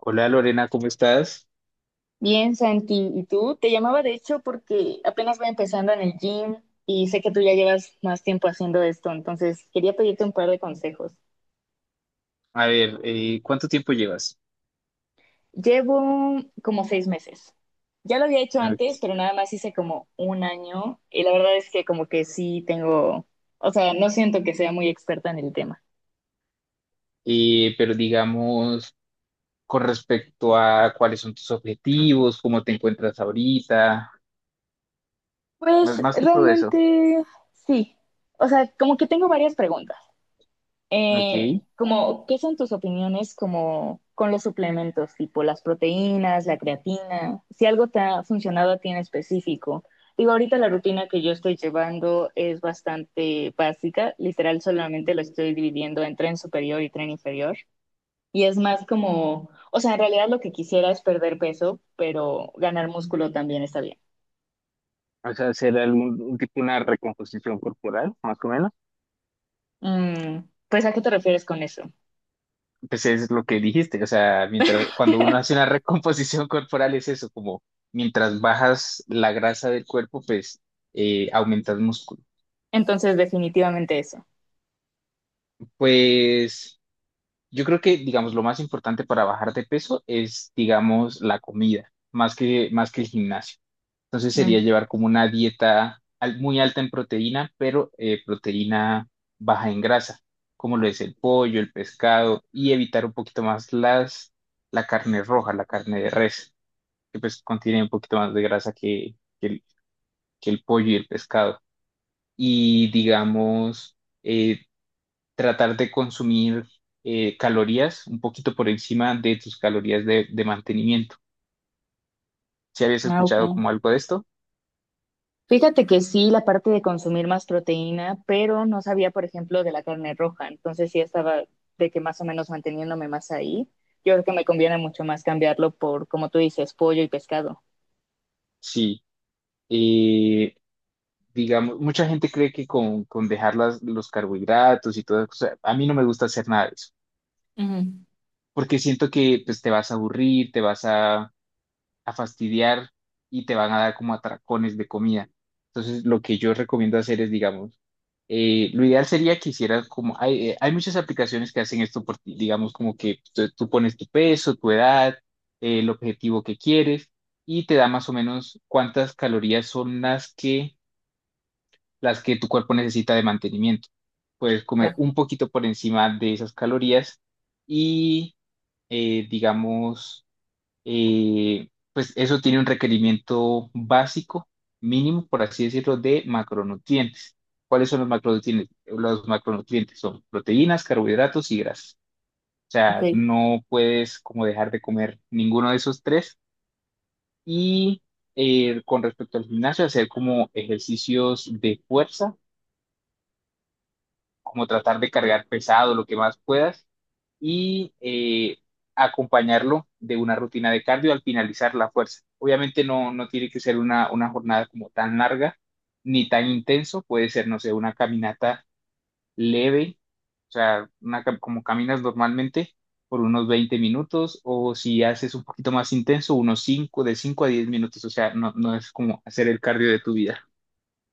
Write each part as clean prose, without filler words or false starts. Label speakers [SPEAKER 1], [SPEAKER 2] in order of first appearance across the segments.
[SPEAKER 1] Hola Lorena, ¿cómo estás?
[SPEAKER 2] Bien, Santi, ¿y tú? Te llamaba de hecho porque apenas voy empezando en el gym y sé que tú ya llevas más tiempo haciendo esto, entonces quería pedirte un par de consejos.
[SPEAKER 1] A ver, ¿cuánto tiempo llevas?
[SPEAKER 2] Llevo como 6 meses. Ya lo había hecho
[SPEAKER 1] A
[SPEAKER 2] antes, pero nada más hice como un año y la verdad es que como que sí tengo, o sea, no siento que sea muy experta en el tema.
[SPEAKER 1] Pero digamos, con respecto a cuáles son tus objetivos, cómo te encuentras ahorita, más,
[SPEAKER 2] Pues
[SPEAKER 1] más que todo eso.
[SPEAKER 2] realmente sí. O sea, como que tengo varias preguntas.
[SPEAKER 1] Ok.
[SPEAKER 2] Como, ¿qué son tus opiniones como con los suplementos, tipo las proteínas, la creatina? Si algo te ha funcionado a ti en específico. Digo, ahorita la rutina que yo estoy llevando es bastante básica, literal solamente lo estoy dividiendo en tren superior y tren inferior. Y es más como, o sea, en realidad lo que quisiera es perder peso, pero ganar músculo también está bien.
[SPEAKER 1] O sea, hacer algún un tipo una recomposición corporal, más o menos.
[SPEAKER 2] Mm, pues, ¿a qué te refieres con eso?
[SPEAKER 1] Pues es lo que dijiste, o sea, cuando uno hace una recomposición corporal es eso, como mientras bajas la grasa del cuerpo, pues aumentas músculo.
[SPEAKER 2] Entonces, definitivamente eso.
[SPEAKER 1] Pues. Yo creo que, digamos, lo más importante para bajar de peso es, digamos, la comida, más que el gimnasio. Entonces sería
[SPEAKER 2] Mm.
[SPEAKER 1] llevar como una dieta muy alta en proteína, pero proteína baja en grasa, como lo es el pollo, el pescado, y evitar un poquito más la carne roja, la carne de res, que pues contiene un poquito más de grasa que el pollo y el pescado. Y digamos, eh, tratar de consumir calorías un poquito por encima de tus calorías de mantenimiento. ¿Si habías
[SPEAKER 2] Ah, ok.
[SPEAKER 1] escuchado como algo de esto?
[SPEAKER 2] Fíjate que sí, la parte de consumir más proteína, pero no sabía, por ejemplo, de la carne roja, entonces sí estaba de que más o menos manteniéndome más ahí. Yo creo que me conviene mucho más cambiarlo por, como tú dices, pollo y pescado.
[SPEAKER 1] Sí. Eh, digamos, mucha gente cree que con dejar los carbohidratos y todas esas cosas, a mí no me gusta hacer nada de eso,
[SPEAKER 2] Ujú,
[SPEAKER 1] porque siento que pues, te vas a aburrir, te vas a fastidiar y te van a dar como atracones de comida. Entonces, lo que yo recomiendo hacer es, digamos, lo ideal sería que hicieras como, hay muchas aplicaciones que hacen esto por ti, digamos, como que tú pones tu peso, tu edad, el objetivo que quieres y te da más o menos cuántas calorías son las que tu cuerpo necesita de mantenimiento. Puedes comer
[SPEAKER 2] ya,
[SPEAKER 1] un poquito por encima de esas calorías y, digamos, pues eso tiene un requerimiento básico, mínimo, por así decirlo, de macronutrientes. ¿Cuáles son los macronutrientes? Los macronutrientes son proteínas, carbohidratos y grasas. O sea,
[SPEAKER 2] ok.
[SPEAKER 1] no puedes como dejar de comer ninguno de esos tres. Y con respecto al gimnasio, hacer como ejercicios de fuerza, como tratar de cargar pesado lo que más puedas y acompañarlo de una rutina de cardio al finalizar la fuerza. Obviamente no tiene que ser una jornada como tan larga ni tan intenso, puede ser, no sé, una caminata leve, o sea, como caminas normalmente por unos 20 minutos o si haces un poquito más intenso, unos 5 de 5 a 10 minutos, o sea, no es como hacer el cardio de tu vida.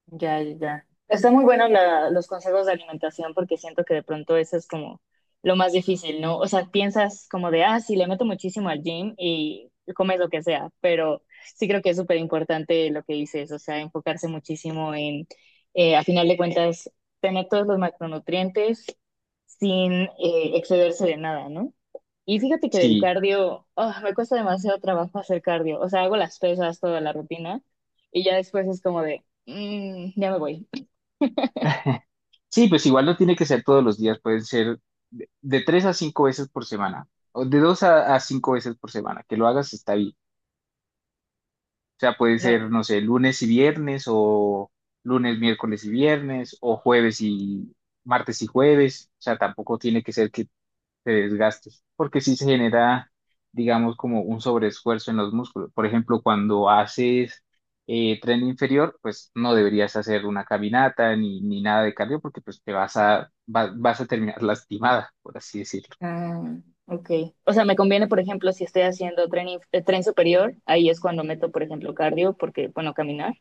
[SPEAKER 2] Ya, ya, ya. Está muy bueno la- los consejos de alimentación porque siento que de pronto eso es como lo más difícil, ¿no? O sea, piensas como de, ah, sí, le meto muchísimo al gym y comes lo que sea, pero sí creo que es súper importante lo que dices, o sea, enfocarse muchísimo en, a final de cuentas, tener todos los macronutrientes sin excederse de nada, ¿no? Y fíjate que del
[SPEAKER 1] Sí.
[SPEAKER 2] cardio, ah, me cuesta demasiado trabajo hacer cardio. O sea, hago las pesas, toda la rutina, y ya después es como de, mm, ya me voy.
[SPEAKER 1] Sí, pues igual no tiene que ser todos los días, pueden ser de 3 a 5 veces por semana, o de dos a cinco veces por semana, que lo hagas está bien. O sea, puede
[SPEAKER 2] No.
[SPEAKER 1] ser, no sé, lunes y viernes, o lunes, miércoles y viernes, o jueves y martes y jueves. O sea, tampoco tiene que ser que de desgastes, porque sí se genera, digamos, como un sobreesfuerzo en los músculos. Por ejemplo, cuando haces tren inferior, pues no deberías hacer una caminata ni nada de cardio, porque pues te vas a terminar lastimada, por así decirlo.
[SPEAKER 2] Ah, ok. O sea, me conviene, por ejemplo, si estoy haciendo tren, tren superior, ahí es cuando meto, por ejemplo, cardio, porque, bueno, caminar.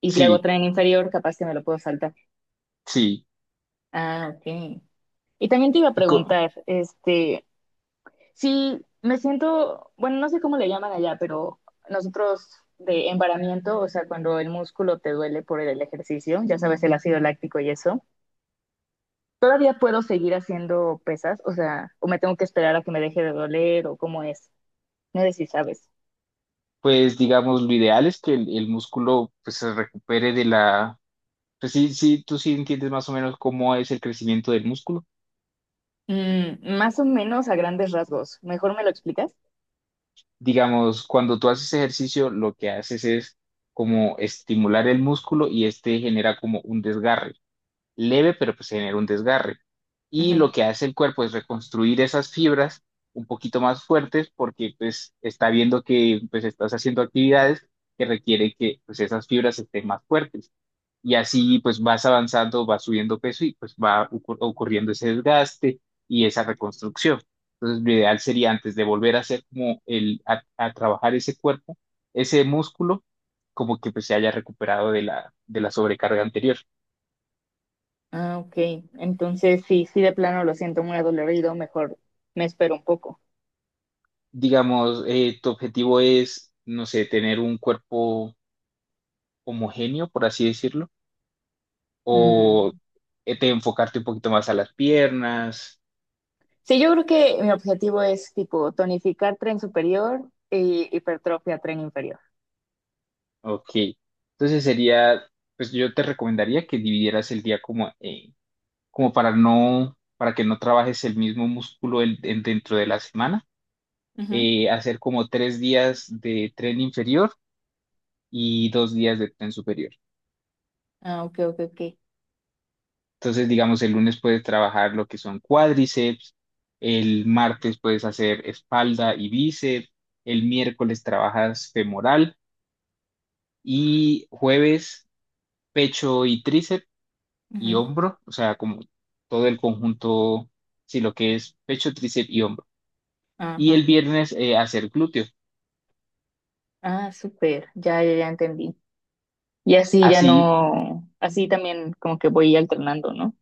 [SPEAKER 2] Y si hago
[SPEAKER 1] Sí,
[SPEAKER 2] tren inferior, capaz que me lo puedo saltar.
[SPEAKER 1] sí.
[SPEAKER 2] Ah, ok. Y también te iba a
[SPEAKER 1] Y
[SPEAKER 2] preguntar, este, si me siento, bueno, no sé cómo le llaman allá, pero nosotros de embaramiento, o sea, cuando el músculo te duele por el ejercicio, ya sabes, el ácido láctico y eso. ¿Todavía puedo seguir haciendo pesas? O sea, ¿o me tengo que esperar a que me deje de doler o cómo es? No sé si sabes.
[SPEAKER 1] pues digamos, lo ideal es que el músculo pues se recupere de la. Pues sí, sí, tú sí entiendes más o menos cómo es el crecimiento del músculo.
[SPEAKER 2] Mm, más o menos a grandes rasgos. ¿Mejor me lo explicas?
[SPEAKER 1] Digamos, cuando tú haces ejercicio, lo que haces es como estimular el músculo y este genera como un desgarre, leve, pero pues genera un desgarre. Y
[SPEAKER 2] Ujú.
[SPEAKER 1] lo que hace el cuerpo es reconstruir esas fibras un poquito más fuertes porque pues está viendo que pues estás haciendo actividades que requieren que pues esas fibras estén más fuertes y así pues vas avanzando, vas subiendo peso y pues va ocurriendo ese desgaste y esa reconstrucción. Entonces, lo ideal sería antes de volver a hacer como a trabajar ese cuerpo, ese músculo, como que pues se haya recuperado de la sobrecarga anterior.
[SPEAKER 2] Ah, ok. Entonces, sí, sí, de plano lo siento muy adolorido, mejor me espero un poco.
[SPEAKER 1] Digamos, tu objetivo es, no sé, tener un cuerpo homogéneo, por así decirlo, o
[SPEAKER 2] Mm.
[SPEAKER 1] te enfocarte un poquito más a las piernas.
[SPEAKER 2] Sí, yo creo que mi objetivo es tipo tonificar tren superior y hipertrofia tren inferior.
[SPEAKER 1] Ok, entonces sería, pues yo te recomendaría que dividieras el día como, como para no, para que no trabajes el mismo músculo dentro de la semana,
[SPEAKER 2] Ujú,
[SPEAKER 1] hacer como 3 días de tren inferior y 2 días de tren superior.
[SPEAKER 2] ah, ok, ok, ok.
[SPEAKER 1] Entonces, digamos, el lunes puedes trabajar lo que son cuádriceps, el martes puedes hacer espalda y bíceps, el miércoles trabajas femoral y jueves pecho y tríceps y
[SPEAKER 2] Ujú.
[SPEAKER 1] hombro, o sea, como todo el conjunto, sí, lo que es pecho, tríceps y hombro. Y
[SPEAKER 2] Ajá.
[SPEAKER 1] el viernes hacer glúteo.
[SPEAKER 2] Ah, súper. Ya, ya, ya entendí. Y así ya
[SPEAKER 1] Así,
[SPEAKER 2] no, así también como que voy alternando, ¿no?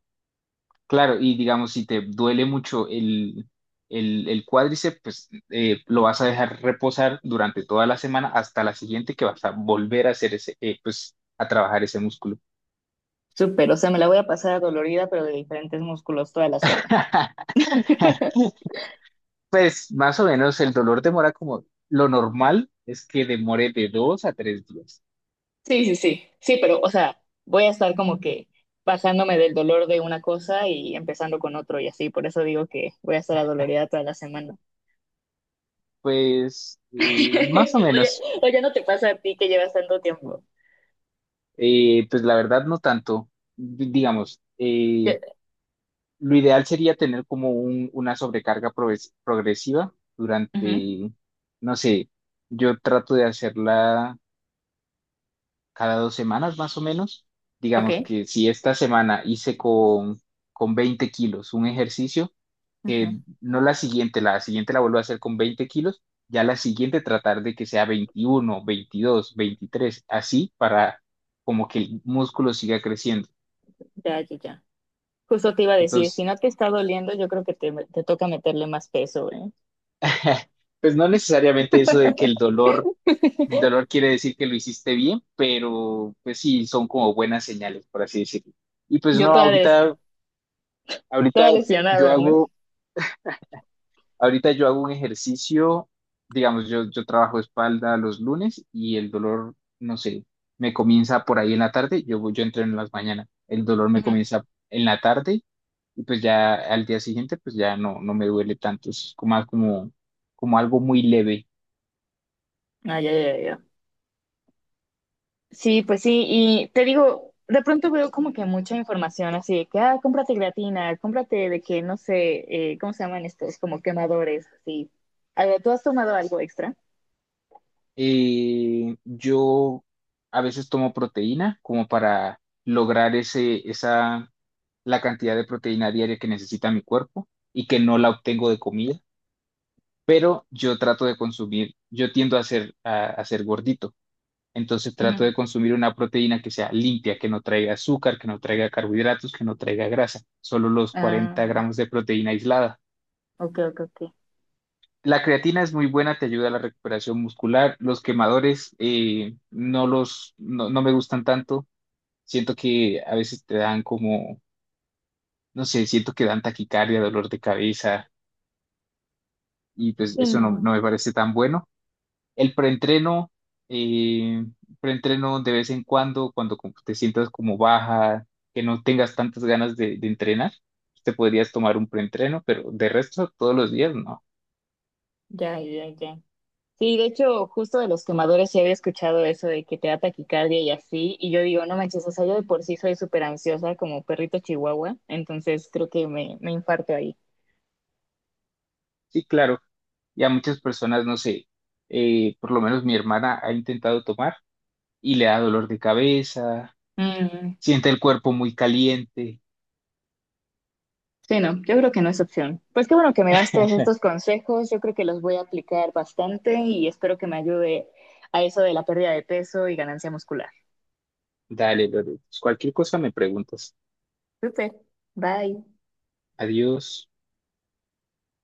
[SPEAKER 1] claro, y digamos, si te duele mucho el cuádriceps, pues lo vas a dejar reposar durante toda la semana hasta la siguiente que vas a volver a hacer ese, pues, a trabajar ese músculo.
[SPEAKER 2] Súper, o sea, me la voy a pasar dolorida, pero de diferentes músculos toda la semana.
[SPEAKER 1] Pues más o menos el dolor demora como lo normal es que demore de 2 a 3 días.
[SPEAKER 2] Sí, sí, sí, sí, pero, o sea, voy a estar como que bajándome del dolor de una cosa y empezando con otro y así, por eso digo que voy a estar adolorida toda la semana.
[SPEAKER 1] Pues más o
[SPEAKER 2] Oye,
[SPEAKER 1] menos.
[SPEAKER 2] oye, ¿no te pasa a ti que llevas tanto tiempo?
[SPEAKER 1] Pues la verdad no tanto. Digamos,
[SPEAKER 2] Que-
[SPEAKER 1] lo ideal sería tener como una sobrecarga progresiva
[SPEAKER 2] ujú,
[SPEAKER 1] durante, no sé, yo trato de hacerla cada 2 semanas más o menos.
[SPEAKER 2] ok,
[SPEAKER 1] Digamos que si esta semana hice con 20 kilos un ejercicio,
[SPEAKER 2] ujú,
[SPEAKER 1] que no la siguiente la vuelvo a hacer con 20 kilos, ya la siguiente tratar de que sea 21 22 23 así para como que el músculo siga creciendo.
[SPEAKER 2] ya, ya, ya. Justo te iba a decir, si
[SPEAKER 1] Entonces,
[SPEAKER 2] no te está doliendo, yo creo que te toca meterle más peso, ¿eh?
[SPEAKER 1] pues no necesariamente eso de que el dolor quiere decir que lo hiciste bien, pero pues sí, son como buenas señales, por así decirlo. Y pues
[SPEAKER 2] Yo
[SPEAKER 1] no,
[SPEAKER 2] toda, des-
[SPEAKER 1] ahorita
[SPEAKER 2] toda
[SPEAKER 1] yo
[SPEAKER 2] lesionada, ¿no?
[SPEAKER 1] hago, ahorita yo hago un ejercicio, digamos, yo trabajo espalda los lunes y el dolor, no sé, me comienza por ahí en la tarde, yo entreno en las mañanas, el dolor me
[SPEAKER 2] Ujú.
[SPEAKER 1] comienza en la tarde y pues ya al día siguiente pues ya no me duele tanto, es como, más como algo muy leve.
[SPEAKER 2] Ah, ya, ya, ya. Sí, pues sí, y te digo, de pronto veo como que mucha información así de que, ah, cómprate creatina, cómprate de que, no sé, ¿cómo se llaman estos? Como quemadores, así. A ver, ¿tú has tomado algo extra?
[SPEAKER 1] Yo a veces tomo proteína como para lograr ese, esa, la cantidad de proteína diaria que necesita mi cuerpo y que no la obtengo de comida. Yo trato de consumir, yo tiendo a ser, a ser gordito, entonces trato
[SPEAKER 2] Ujú.
[SPEAKER 1] de consumir una proteína que sea limpia, que no traiga azúcar, que no traiga carbohidratos, que no traiga grasa, solo los 40
[SPEAKER 2] Ah,
[SPEAKER 1] gramos de proteína aislada.
[SPEAKER 2] ok, ok, ok.
[SPEAKER 1] La creatina es muy buena, te ayuda a la recuperación muscular. Los quemadores no los no, no me gustan tanto. Siento que a veces te dan como, no sé, siento que dan taquicardia, dolor de cabeza y pues
[SPEAKER 2] Sí,
[SPEAKER 1] eso no,
[SPEAKER 2] no,
[SPEAKER 1] no me parece tan bueno. El eh, preentreno de vez en cuando, cuando como te sientas como baja, que no tengas tantas ganas de entrenar, te podrías tomar un preentreno, pero de resto todos los días no.
[SPEAKER 2] ya, ya, ya. Sí, de hecho, justo de los quemadores sí había escuchado eso de que te da taquicardia y así, y yo digo, no manches, o sea, yo de por sí soy súper ansiosa como perrito chihuahua, entonces creo que me infarto ahí.
[SPEAKER 1] Sí, claro. Ya muchas personas, no sé, por lo menos mi hermana ha intentado tomar y le da dolor de cabeza,
[SPEAKER 2] Mm,
[SPEAKER 1] siente el cuerpo muy caliente.
[SPEAKER 2] sí, no, yo creo que no es opción. Pues qué bueno que me daste estos consejos, yo creo que los voy a aplicar bastante y espero que me ayude a eso de la pérdida de peso y ganancia muscular.
[SPEAKER 1] Dale, Lore. Pues cualquier cosa me preguntas.
[SPEAKER 2] Súper, bye.
[SPEAKER 1] Adiós.